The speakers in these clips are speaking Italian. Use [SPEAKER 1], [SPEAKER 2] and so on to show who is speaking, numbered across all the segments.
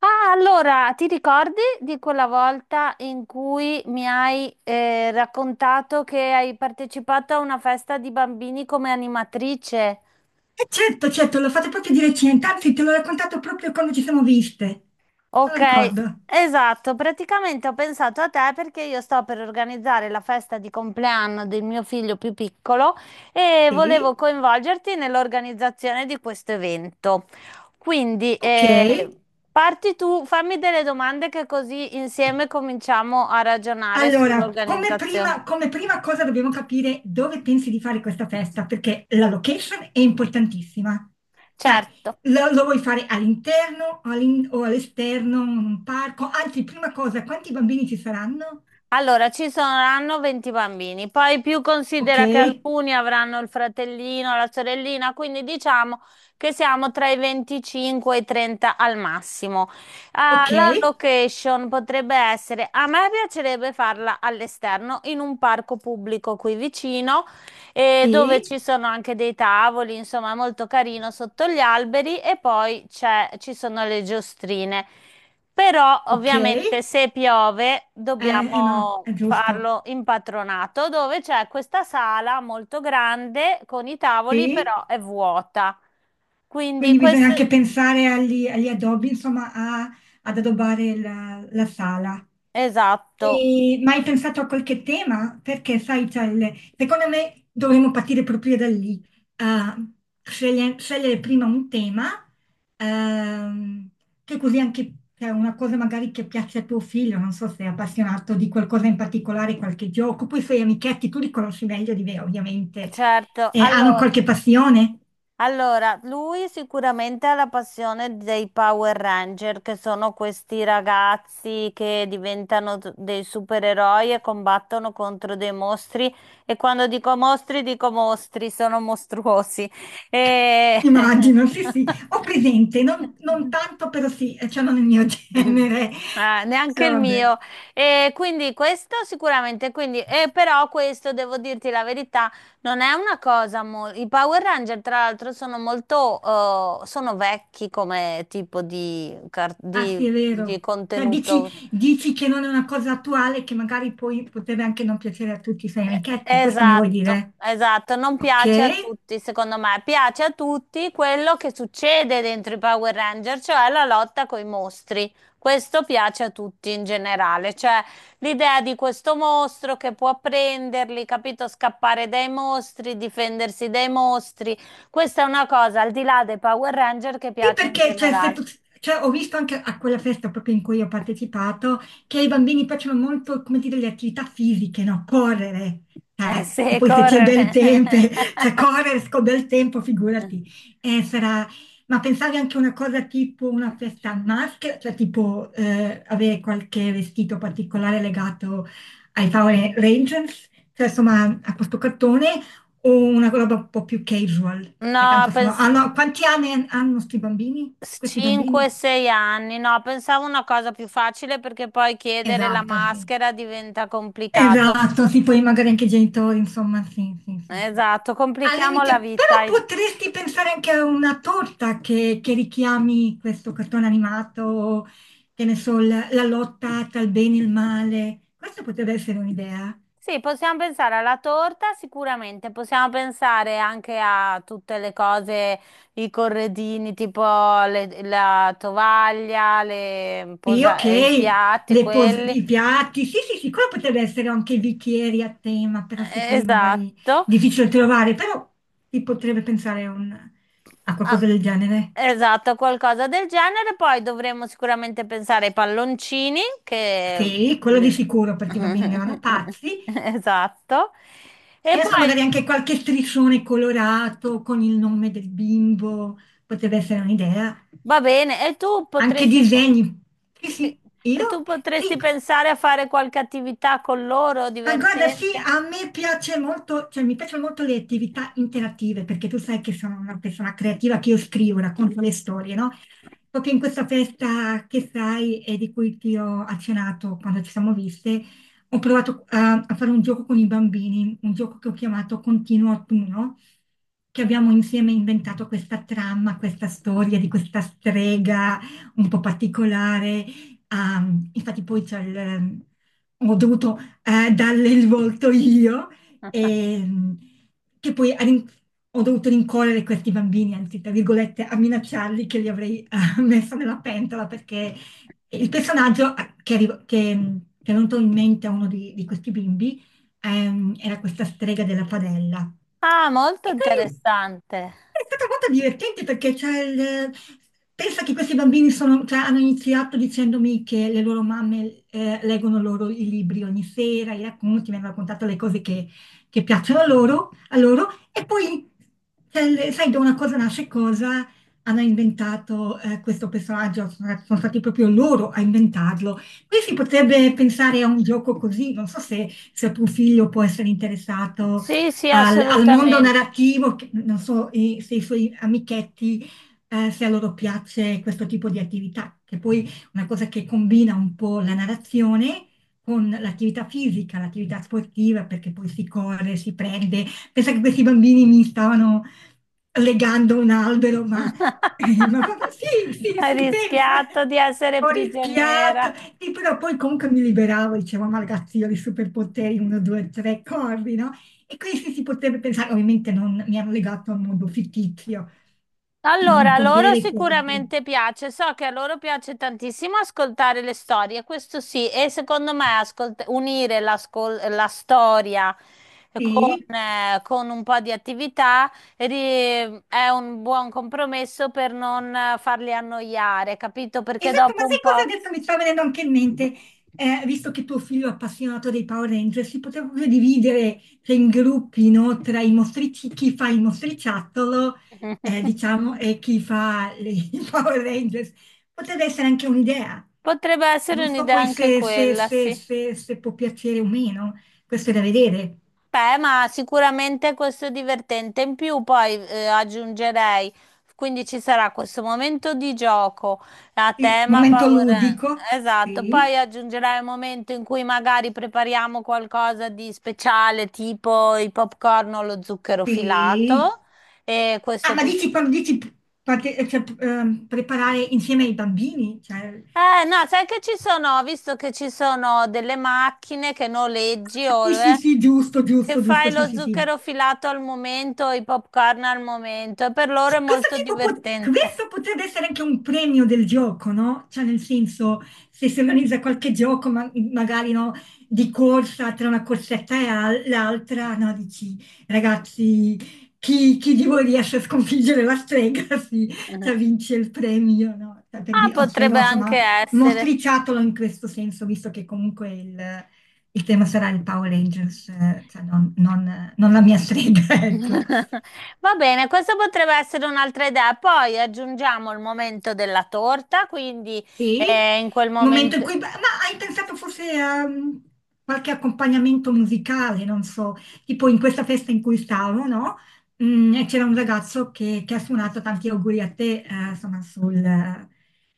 [SPEAKER 1] Ah, allora, ti ricordi di quella volta in cui mi hai raccontato che hai partecipato a una festa di bambini come animatrice?
[SPEAKER 2] Certo, certo, l'ho fatto proprio di recente, anzi te l'ho raccontato proprio quando ci siamo viste, non lo
[SPEAKER 1] Ok,
[SPEAKER 2] ricordo.
[SPEAKER 1] esatto, praticamente ho pensato a te perché io sto per organizzare la festa di compleanno del mio figlio più piccolo e volevo
[SPEAKER 2] Sì,
[SPEAKER 1] coinvolgerti nell'organizzazione di questo evento. Quindi
[SPEAKER 2] ok.
[SPEAKER 1] parti tu, fammi delle domande che così insieme cominciamo a ragionare
[SPEAKER 2] Allora, come
[SPEAKER 1] sull'organizzazione.
[SPEAKER 2] prima, come prima cosa dobbiamo capire dove pensi di fare questa festa, perché la location è importantissima. Cioè,
[SPEAKER 1] Certo.
[SPEAKER 2] lo vuoi fare all'interno o all'esterno, in un parco? Anzi, prima cosa, quanti bambini ci saranno?
[SPEAKER 1] Allora, ci saranno 20 bambini, poi più
[SPEAKER 2] Ok,
[SPEAKER 1] considera che alcuni avranno il fratellino, la sorellina, quindi diciamo che siamo tra i 25 e i 30 al massimo. Ah,
[SPEAKER 2] ok,
[SPEAKER 1] la location potrebbe essere, a me piacerebbe farla all'esterno, in un parco pubblico qui vicino, dove
[SPEAKER 2] sì,
[SPEAKER 1] ci sono anche dei tavoli, insomma, è molto carino sotto gli alberi e poi ci sono le giostrine. Però
[SPEAKER 2] ok,
[SPEAKER 1] ovviamente se piove
[SPEAKER 2] eh no,
[SPEAKER 1] dobbiamo
[SPEAKER 2] è giusto,
[SPEAKER 1] farlo in patronato, dove c'è questa sala molto grande con i tavoli,
[SPEAKER 2] sì.
[SPEAKER 1] però è vuota. Quindi
[SPEAKER 2] Quindi bisogna
[SPEAKER 1] questo
[SPEAKER 2] anche pensare agli addobbi, insomma, ad addobbare la sala.
[SPEAKER 1] esatto,
[SPEAKER 2] E, ma hai pensato a qualche tema? Perché, sai, secondo me dovremmo partire proprio da lì. Ah, Scegliere prima un tema, ehm, che così anche cioè, una cosa magari che piace a tuo figlio, non so se è appassionato di qualcosa in particolare, qualche gioco. Poi i suoi amichetti, tu li conosci meglio di me, ovviamente.
[SPEAKER 1] certo.
[SPEAKER 2] Hanno
[SPEAKER 1] Allora,
[SPEAKER 2] qualche passione?
[SPEAKER 1] Allora, lui sicuramente ha la passione dei Power Ranger, che sono questi ragazzi che diventano dei supereroi e combattono contro dei mostri. E quando dico mostri, sono mostruosi. E...
[SPEAKER 2] Immagino, sì, sì, ho presente, non tanto, però sì, cioè non il mio genere,
[SPEAKER 1] Ah, neanche
[SPEAKER 2] però
[SPEAKER 1] il
[SPEAKER 2] vabbè,
[SPEAKER 1] mio. E quindi questo sicuramente, quindi, e però questo devo dirti la verità, non è una cosa molto... I Power Ranger, tra l'altro, sono molto... sono vecchi come tipo di, car-
[SPEAKER 2] ah sì,
[SPEAKER 1] di,
[SPEAKER 2] è
[SPEAKER 1] di
[SPEAKER 2] vero. Cioè, dici,
[SPEAKER 1] contenuto.
[SPEAKER 2] dici che non è una cosa attuale, che magari poi potrebbe anche non piacere a tutti i suoi amichetti, questo mi vuoi
[SPEAKER 1] Esatto,
[SPEAKER 2] dire?
[SPEAKER 1] esatto, non piace a
[SPEAKER 2] Ok?
[SPEAKER 1] tutti, secondo me, piace a tutti quello che succede dentro i Power Ranger, cioè la lotta coi mostri. Questo piace a tutti in generale, cioè l'idea di questo mostro che può prenderli, capito, scappare dai mostri, difendersi dai mostri. Questa è una cosa al di là dei Power Ranger che
[SPEAKER 2] Sì,
[SPEAKER 1] piace in
[SPEAKER 2] perché cioè, se
[SPEAKER 1] generale.
[SPEAKER 2] tu- cioè, ho visto anche a quella festa proprio in cui ho partecipato che ai bambini piacciono molto, come dire, le attività fisiche, no? Correre. E
[SPEAKER 1] Sì,
[SPEAKER 2] poi se c'è bel
[SPEAKER 1] correre.
[SPEAKER 2] tempo, cioè correre con bel tempo, figurati. Sarà. Ma pensavi anche a una cosa tipo una festa a maschera, cioè tipo avere qualche vestito particolare legato ai Power Rangers, cioè insomma a questo cartone, o una roba un po' più casual, perché
[SPEAKER 1] No,
[SPEAKER 2] tanto
[SPEAKER 1] penso.
[SPEAKER 2] quanti anni hanno sti bambini? Questi bambini?
[SPEAKER 1] 5-6 anni, no, pensavo una cosa più facile perché poi chiedere la
[SPEAKER 2] Esatto, sì.
[SPEAKER 1] maschera diventa complicato.
[SPEAKER 2] Esatto, sì, poi magari anche i genitori, insomma, sì, sì, sì, sì.
[SPEAKER 1] Esatto,
[SPEAKER 2] Al
[SPEAKER 1] complichiamo la
[SPEAKER 2] limite, però
[SPEAKER 1] vita.
[SPEAKER 2] potresti pensare anche a una torta che richiami questo cartone animato, che ne so, la lotta tra il bene e il male. Questa potrebbe essere un'idea.
[SPEAKER 1] Sì, possiamo pensare alla torta sicuramente, possiamo pensare anche a tutte le cose, i corredini, tipo la tovaglia,
[SPEAKER 2] Sì,
[SPEAKER 1] i
[SPEAKER 2] ok,
[SPEAKER 1] piatti, quelli.
[SPEAKER 2] i piatti, sì, sì, sì, quello potrebbe essere anche i bicchieri a tema, però sì, quelli magari
[SPEAKER 1] Esatto.
[SPEAKER 2] difficili da trovare, però si potrebbe pensare a a
[SPEAKER 1] Ah,
[SPEAKER 2] qualcosa del genere.
[SPEAKER 1] esatto, qualcosa del genere. Poi dovremmo sicuramente pensare ai palloncini che...
[SPEAKER 2] Sì, quello di sicuro, perché i bambini ne vanno pazzi.
[SPEAKER 1] Esatto.
[SPEAKER 2] E
[SPEAKER 1] E
[SPEAKER 2] adesso
[SPEAKER 1] poi
[SPEAKER 2] magari anche qualche striscione colorato con il nome del bimbo, potrebbe essere un'idea.
[SPEAKER 1] va bene, e tu
[SPEAKER 2] Anche
[SPEAKER 1] potresti
[SPEAKER 2] disegni, sì,
[SPEAKER 1] sì,
[SPEAKER 2] sì,
[SPEAKER 1] e tu
[SPEAKER 2] io, sì.
[SPEAKER 1] potresti pensare a fare qualche attività con loro
[SPEAKER 2] Ma guarda, sì,
[SPEAKER 1] divertente?
[SPEAKER 2] a me piace molto, cioè mi piacciono molto le attività interattive, perché tu sai che sono una persona creativa che io scrivo, racconto le storie, no? Proprio in questa festa che sai e di cui ti ho accennato quando ci siamo viste, ho provato a fare un gioco con i bambini, un gioco che ho chiamato Continuo Autunno, che abbiamo insieme inventato questa trama, questa storia di questa strega un po' particolare. Ah, infatti poi. Ho dovuto darle il volto io, e, che poi ha rin- ho dovuto rincorrere questi bambini, anzi, tra virgolette, a minacciarli che li avrei messo nella pentola perché il personaggio che è venuto in mente a uno di questi bimbi era questa strega della padella.
[SPEAKER 1] Ah, molto
[SPEAKER 2] E quindi
[SPEAKER 1] interessante.
[SPEAKER 2] è stata molto divertente perché pensa che questi bambini sono- cioè, hanno iniziato dicendomi che le loro mamme leggono loro i libri ogni sera, i racconti, mi hanno raccontato le cose che piacciono loro, a loro e poi, cioè, sai, da una cosa nasce cosa, hanno inventato questo personaggio, sono stati proprio loro a inventarlo. Qui si potrebbe pensare a un gioco così, non so se tuo figlio può essere interessato
[SPEAKER 1] Sì, sì,
[SPEAKER 2] al mondo
[SPEAKER 1] assolutamente.
[SPEAKER 2] narrativo, non so se i suoi amichetti, se a loro piace questo tipo di attività, che poi è una cosa che combina un po' la narrazione con l'attività fisica, l'attività sportiva, perché poi si corre, si prende. Pensa che questi bambini mi stavano legando un albero, ma, ma vabbè, sì, sì,
[SPEAKER 1] Hai
[SPEAKER 2] sì, pensa.
[SPEAKER 1] rischiato di essere
[SPEAKER 2] Ho
[SPEAKER 1] prigioniera.
[SPEAKER 2] rischiato, sì, però poi comunque mi liberavo, dicevo, ma ragazzi, io ho i superpoteri, uno, due, tre, corri, no? E questi si potrebbe pensare, ovviamente non mi hanno legato a un mondo fittizio,
[SPEAKER 1] Allora,
[SPEAKER 2] non
[SPEAKER 1] a
[SPEAKER 2] con
[SPEAKER 1] loro
[SPEAKER 2] vere corde.
[SPEAKER 1] sicuramente piace, so che a loro piace tantissimo ascoltare le storie, questo sì, e secondo me unire la storia
[SPEAKER 2] Sì,
[SPEAKER 1] con un po' di attività ri- è un buon compromesso per non farli annoiare, capito? Perché
[SPEAKER 2] esatto, ma
[SPEAKER 1] dopo un
[SPEAKER 2] sai
[SPEAKER 1] po'...
[SPEAKER 2] cosa adesso mi sta venendo anche in mente? Visto che tuo figlio è appassionato dei Power Rangers, si poteva proprio dividere cioè, in gruppi, no, tra i mostrici, chi fa il mostriciattolo, diciamo, e chi fa i Power Rangers. Potrebbe essere anche un'idea.
[SPEAKER 1] Potrebbe essere
[SPEAKER 2] Non so
[SPEAKER 1] un'idea
[SPEAKER 2] poi
[SPEAKER 1] anche
[SPEAKER 2] se se-
[SPEAKER 1] quella,
[SPEAKER 2] se-
[SPEAKER 1] sì.
[SPEAKER 2] se- se può piacere o meno, questo è da vedere.
[SPEAKER 1] Beh, ma sicuramente questo è divertente. In più poi aggiungerei, quindi ci sarà questo momento di gioco a
[SPEAKER 2] Sì,
[SPEAKER 1] tema
[SPEAKER 2] momento
[SPEAKER 1] Power Rangers.
[SPEAKER 2] ludico,
[SPEAKER 1] Esatto,
[SPEAKER 2] sì,
[SPEAKER 1] poi aggiungerai un momento in cui magari prepariamo qualcosa di speciale, tipo i popcorn o lo zucchero
[SPEAKER 2] sì.
[SPEAKER 1] filato. E
[SPEAKER 2] Ah,
[SPEAKER 1] questo
[SPEAKER 2] ma
[SPEAKER 1] pot-
[SPEAKER 2] dici quando dici cioè, preparare insieme ai bambini? Cioè,
[SPEAKER 1] No, sai che ci sono, ho visto che ci sono delle macchine che noleggi o
[SPEAKER 2] sì, sì, sì, giusto,
[SPEAKER 1] che
[SPEAKER 2] giusto,
[SPEAKER 1] fai
[SPEAKER 2] giusto, sì,
[SPEAKER 1] lo
[SPEAKER 2] sì, sì.
[SPEAKER 1] zucchero filato al momento, i popcorn al momento, e per
[SPEAKER 2] Sì,
[SPEAKER 1] loro è
[SPEAKER 2] Questo
[SPEAKER 1] molto
[SPEAKER 2] tipo pot-
[SPEAKER 1] divertente.
[SPEAKER 2] questo potrebbe essere anche un premio del gioco, no? Cioè, nel senso, se si organizza qualche gioco, ma- magari no, di corsa tra una corsetta e l'altra, no? Dici, ragazzi, chi di voi riesce a sconfiggere la strega, sì, cioè, vince il premio, no? Cioè, per
[SPEAKER 1] Ah,
[SPEAKER 2] dire, o strega,
[SPEAKER 1] potrebbe anche
[SPEAKER 2] insomma, uno
[SPEAKER 1] essere.
[SPEAKER 2] striciattolo in questo senso, visto che comunque il tema sarà il Power Rangers, cioè non la mia strega, ecco.
[SPEAKER 1] Va bene, questa potrebbe essere un'altra idea. Poi aggiungiamo il momento della torta, quindi
[SPEAKER 2] Sì,
[SPEAKER 1] in quel
[SPEAKER 2] un momento in
[SPEAKER 1] momento.
[SPEAKER 2] cui. Ma hai pensato forse a qualche accompagnamento musicale, non so, tipo in questa festa in cui stavo, no? E c'era un ragazzo che ha suonato tanti auguri a te, insomma,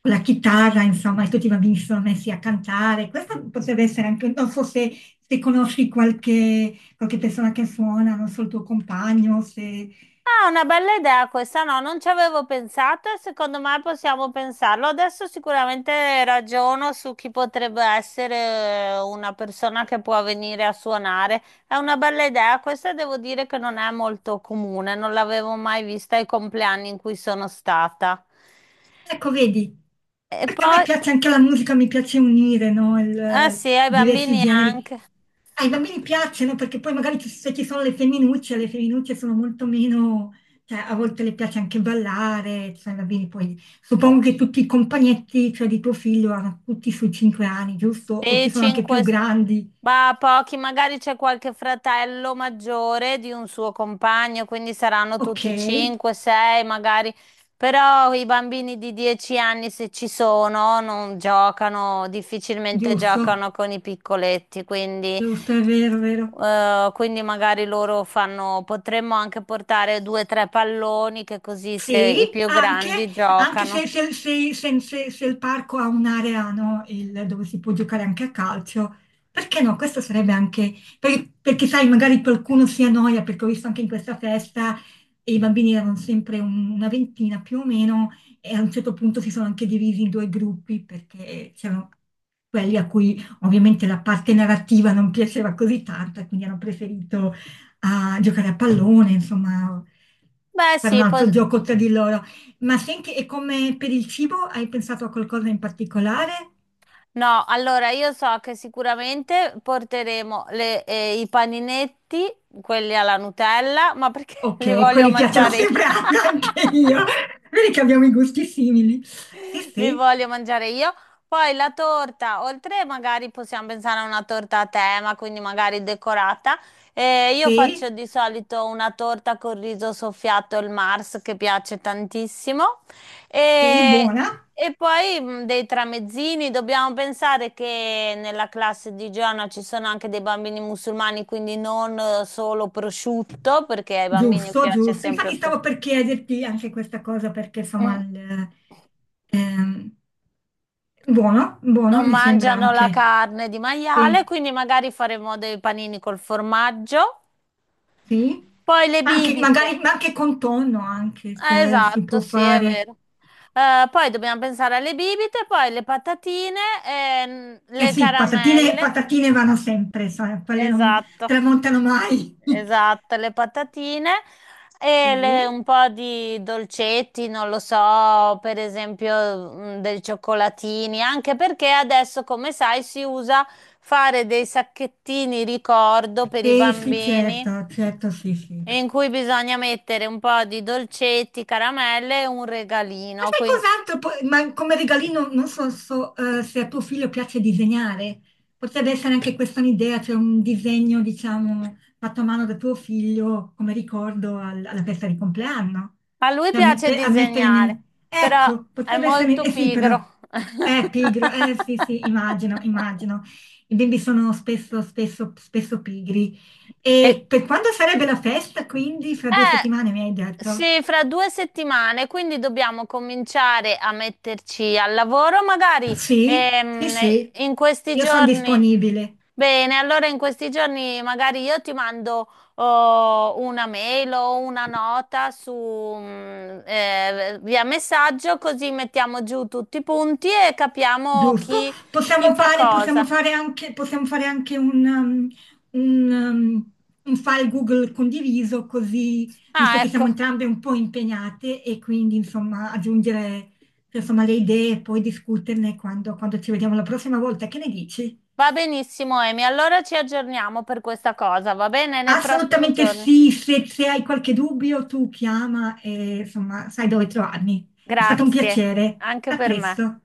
[SPEAKER 2] con la chitarra, insomma, e tutti i bambini si sono messi a cantare. Questo potrebbe essere anche, non so se conosci qualche, qualche persona che suona, non so, il tuo compagno, se.
[SPEAKER 1] Ah, una bella idea questa, no, non ci avevo pensato e secondo me possiamo pensarlo. Adesso sicuramente ragiono su chi potrebbe essere una persona che può venire a suonare. È una bella idea, questa devo dire che non è molto comune, non l'avevo mai vista ai compleanni in cui sono stata.
[SPEAKER 2] Ecco, vedi,
[SPEAKER 1] E
[SPEAKER 2] perché a me
[SPEAKER 1] poi,
[SPEAKER 2] piace anche la musica, mi piace unire, no,
[SPEAKER 1] ah sì, ai
[SPEAKER 2] diversi
[SPEAKER 1] bambini
[SPEAKER 2] generi.
[SPEAKER 1] anche.
[SPEAKER 2] Ai bambini piacciono perché poi magari se ci sono le femminucce sono molto meno, cioè a volte le piace anche ballare, cioè, i bambini poi suppongo che tutti i compagnetti, cioè di tuo figlio, hanno tutti sui 5 anni, giusto? O ci
[SPEAKER 1] Sì,
[SPEAKER 2] sono anche più grandi.
[SPEAKER 1] ma pochi, magari c'è qualche fratello maggiore di un suo compagno, quindi saranno
[SPEAKER 2] Ok,
[SPEAKER 1] tutti 5, 6 magari. Però i bambini di 10 anni, se ci sono, non giocano, difficilmente
[SPEAKER 2] giusto,
[SPEAKER 1] giocano con i piccoletti, quindi,
[SPEAKER 2] giusto, è vero, è vero.
[SPEAKER 1] quindi magari loro fanno, potremmo anche portare due o tre palloni, che così se
[SPEAKER 2] Sì,
[SPEAKER 1] i più
[SPEAKER 2] anche,
[SPEAKER 1] grandi
[SPEAKER 2] anche se,
[SPEAKER 1] giocano.
[SPEAKER 2] se- se- se- se- se il parco ha un'area no, dove si può giocare anche a calcio, perché no? Questo sarebbe anche, perché sai, magari qualcuno si annoia, perché ho visto anche in questa festa i bambini erano sempre una ventina più o meno e a un certo punto si sono anche divisi in due gruppi perché c'erano quelli a cui ovviamente la parte narrativa non piaceva così tanto e quindi hanno preferito a giocare a pallone, insomma,
[SPEAKER 1] Beh,
[SPEAKER 2] fare un
[SPEAKER 1] sì,
[SPEAKER 2] altro gioco tra di loro. Ma senti, e come per il cibo hai pensato a qualcosa in particolare?
[SPEAKER 1] no, allora io so che sicuramente porteremo i paninetti, quelli alla Nutella, ma perché li
[SPEAKER 2] Ok,
[SPEAKER 1] voglio
[SPEAKER 2] quelli piacciono
[SPEAKER 1] mangiare io?
[SPEAKER 2] sempre a- anche io. Vedi che abbiamo i gusti simili. Sì,
[SPEAKER 1] Li
[SPEAKER 2] sì,
[SPEAKER 1] voglio mangiare io. Poi la torta, oltre magari possiamo pensare a una torta a tema, quindi magari decorata. Io faccio
[SPEAKER 2] sì,
[SPEAKER 1] di solito una torta con riso soffiato, il Mars, che piace tantissimo.
[SPEAKER 2] sì,
[SPEAKER 1] E,
[SPEAKER 2] buona.
[SPEAKER 1] e poi dei tramezzini. Dobbiamo pensare che nella classe di Giovanna ci sono anche dei bambini musulmani, quindi non solo prosciutto, perché ai bambini
[SPEAKER 2] Giusto,
[SPEAKER 1] piace
[SPEAKER 2] giusto.
[SPEAKER 1] sempre
[SPEAKER 2] Infatti
[SPEAKER 1] il
[SPEAKER 2] stavo
[SPEAKER 1] prosciutto.
[SPEAKER 2] per chiederti anche questa cosa perché insomma
[SPEAKER 1] Mm,
[SPEAKER 2] ehm, buono,
[SPEAKER 1] Non
[SPEAKER 2] buono mi sembra
[SPEAKER 1] mangiano la
[SPEAKER 2] anche.
[SPEAKER 1] carne di maiale,
[SPEAKER 2] Sì,
[SPEAKER 1] quindi magari faremo dei panini col formaggio.
[SPEAKER 2] sì.
[SPEAKER 1] Poi le
[SPEAKER 2] Ma anche,
[SPEAKER 1] bibite.
[SPEAKER 2] magari, ma anche con tonno anche, cioè si
[SPEAKER 1] Esatto,
[SPEAKER 2] può
[SPEAKER 1] sì, è
[SPEAKER 2] fare.
[SPEAKER 1] vero. Poi dobbiamo pensare alle bibite, poi le patatine, e
[SPEAKER 2] Eh
[SPEAKER 1] le
[SPEAKER 2] sì, patatine,
[SPEAKER 1] caramelle.
[SPEAKER 2] patatine vanno sempre, sai, quelle non
[SPEAKER 1] Esatto.
[SPEAKER 2] tramontano mai.
[SPEAKER 1] Esatto, le patatine e
[SPEAKER 2] Sì,
[SPEAKER 1] un po' di dolcetti, non lo so, per esempio dei cioccolatini, anche perché adesso, come sai, si usa fare dei sacchettini ricordo per i
[SPEAKER 2] sì, sì,
[SPEAKER 1] bambini
[SPEAKER 2] certo, certo, sì, sì.
[SPEAKER 1] in cui bisogna mettere un po' di dolcetti, caramelle e un
[SPEAKER 2] Ma
[SPEAKER 1] regalino.
[SPEAKER 2] sai
[SPEAKER 1] Quindi
[SPEAKER 2] cos'altro? Ma come regalino non so, se a tuo figlio piace disegnare. Potrebbe essere anche questa un'idea, cioè un disegno, diciamo, fatto a mano da tuo figlio come ricordo alla festa di compleanno.
[SPEAKER 1] a lui
[SPEAKER 2] Cioè, a,
[SPEAKER 1] piace
[SPEAKER 2] mette- a mettere nel...
[SPEAKER 1] disegnare, però
[SPEAKER 2] Ecco,
[SPEAKER 1] è
[SPEAKER 2] potrebbe essere.
[SPEAKER 1] molto
[SPEAKER 2] Eh sì, però.
[SPEAKER 1] pigro.
[SPEAKER 2] Pigro, eh sì, sì, immagino, immagino. I bimbi sono spesso, spesso, spesso pigri.
[SPEAKER 1] E
[SPEAKER 2] E per quando sarebbe la festa, quindi, fra 2 settimane, mi hai detto?
[SPEAKER 1] Sì, fra 2 settimane, quindi dobbiamo cominciare a metterci al lavoro, magari
[SPEAKER 2] Sì, sì,
[SPEAKER 1] ehm,
[SPEAKER 2] sì,
[SPEAKER 1] in questi
[SPEAKER 2] io sono
[SPEAKER 1] giorni.
[SPEAKER 2] disponibile,
[SPEAKER 1] Bene, allora in questi giorni magari io ti mando oh, una mail o una nota su, via messaggio, così mettiamo giù tutti i punti e capiamo
[SPEAKER 2] giusto?
[SPEAKER 1] chi fa cosa.
[SPEAKER 2] Possiamo fare anche un, um, un file Google condiviso, così, visto
[SPEAKER 1] Ah,
[SPEAKER 2] che siamo
[SPEAKER 1] ecco,
[SPEAKER 2] entrambe un po' impegnate e quindi, insomma, aggiungere, insomma, le idee e poi discuterne quando, ci vediamo la prossima volta. Che ne dici?
[SPEAKER 1] va benissimo, Emi. Allora ci aggiorniamo per questa cosa, va bene? Nei prossimi
[SPEAKER 2] Assolutamente
[SPEAKER 1] giorni.
[SPEAKER 2] sì, se hai qualche dubbio tu chiama e, insomma, sai dove trovarmi. È stato un
[SPEAKER 1] Grazie,
[SPEAKER 2] piacere.
[SPEAKER 1] anche
[SPEAKER 2] A
[SPEAKER 1] per me.
[SPEAKER 2] presto.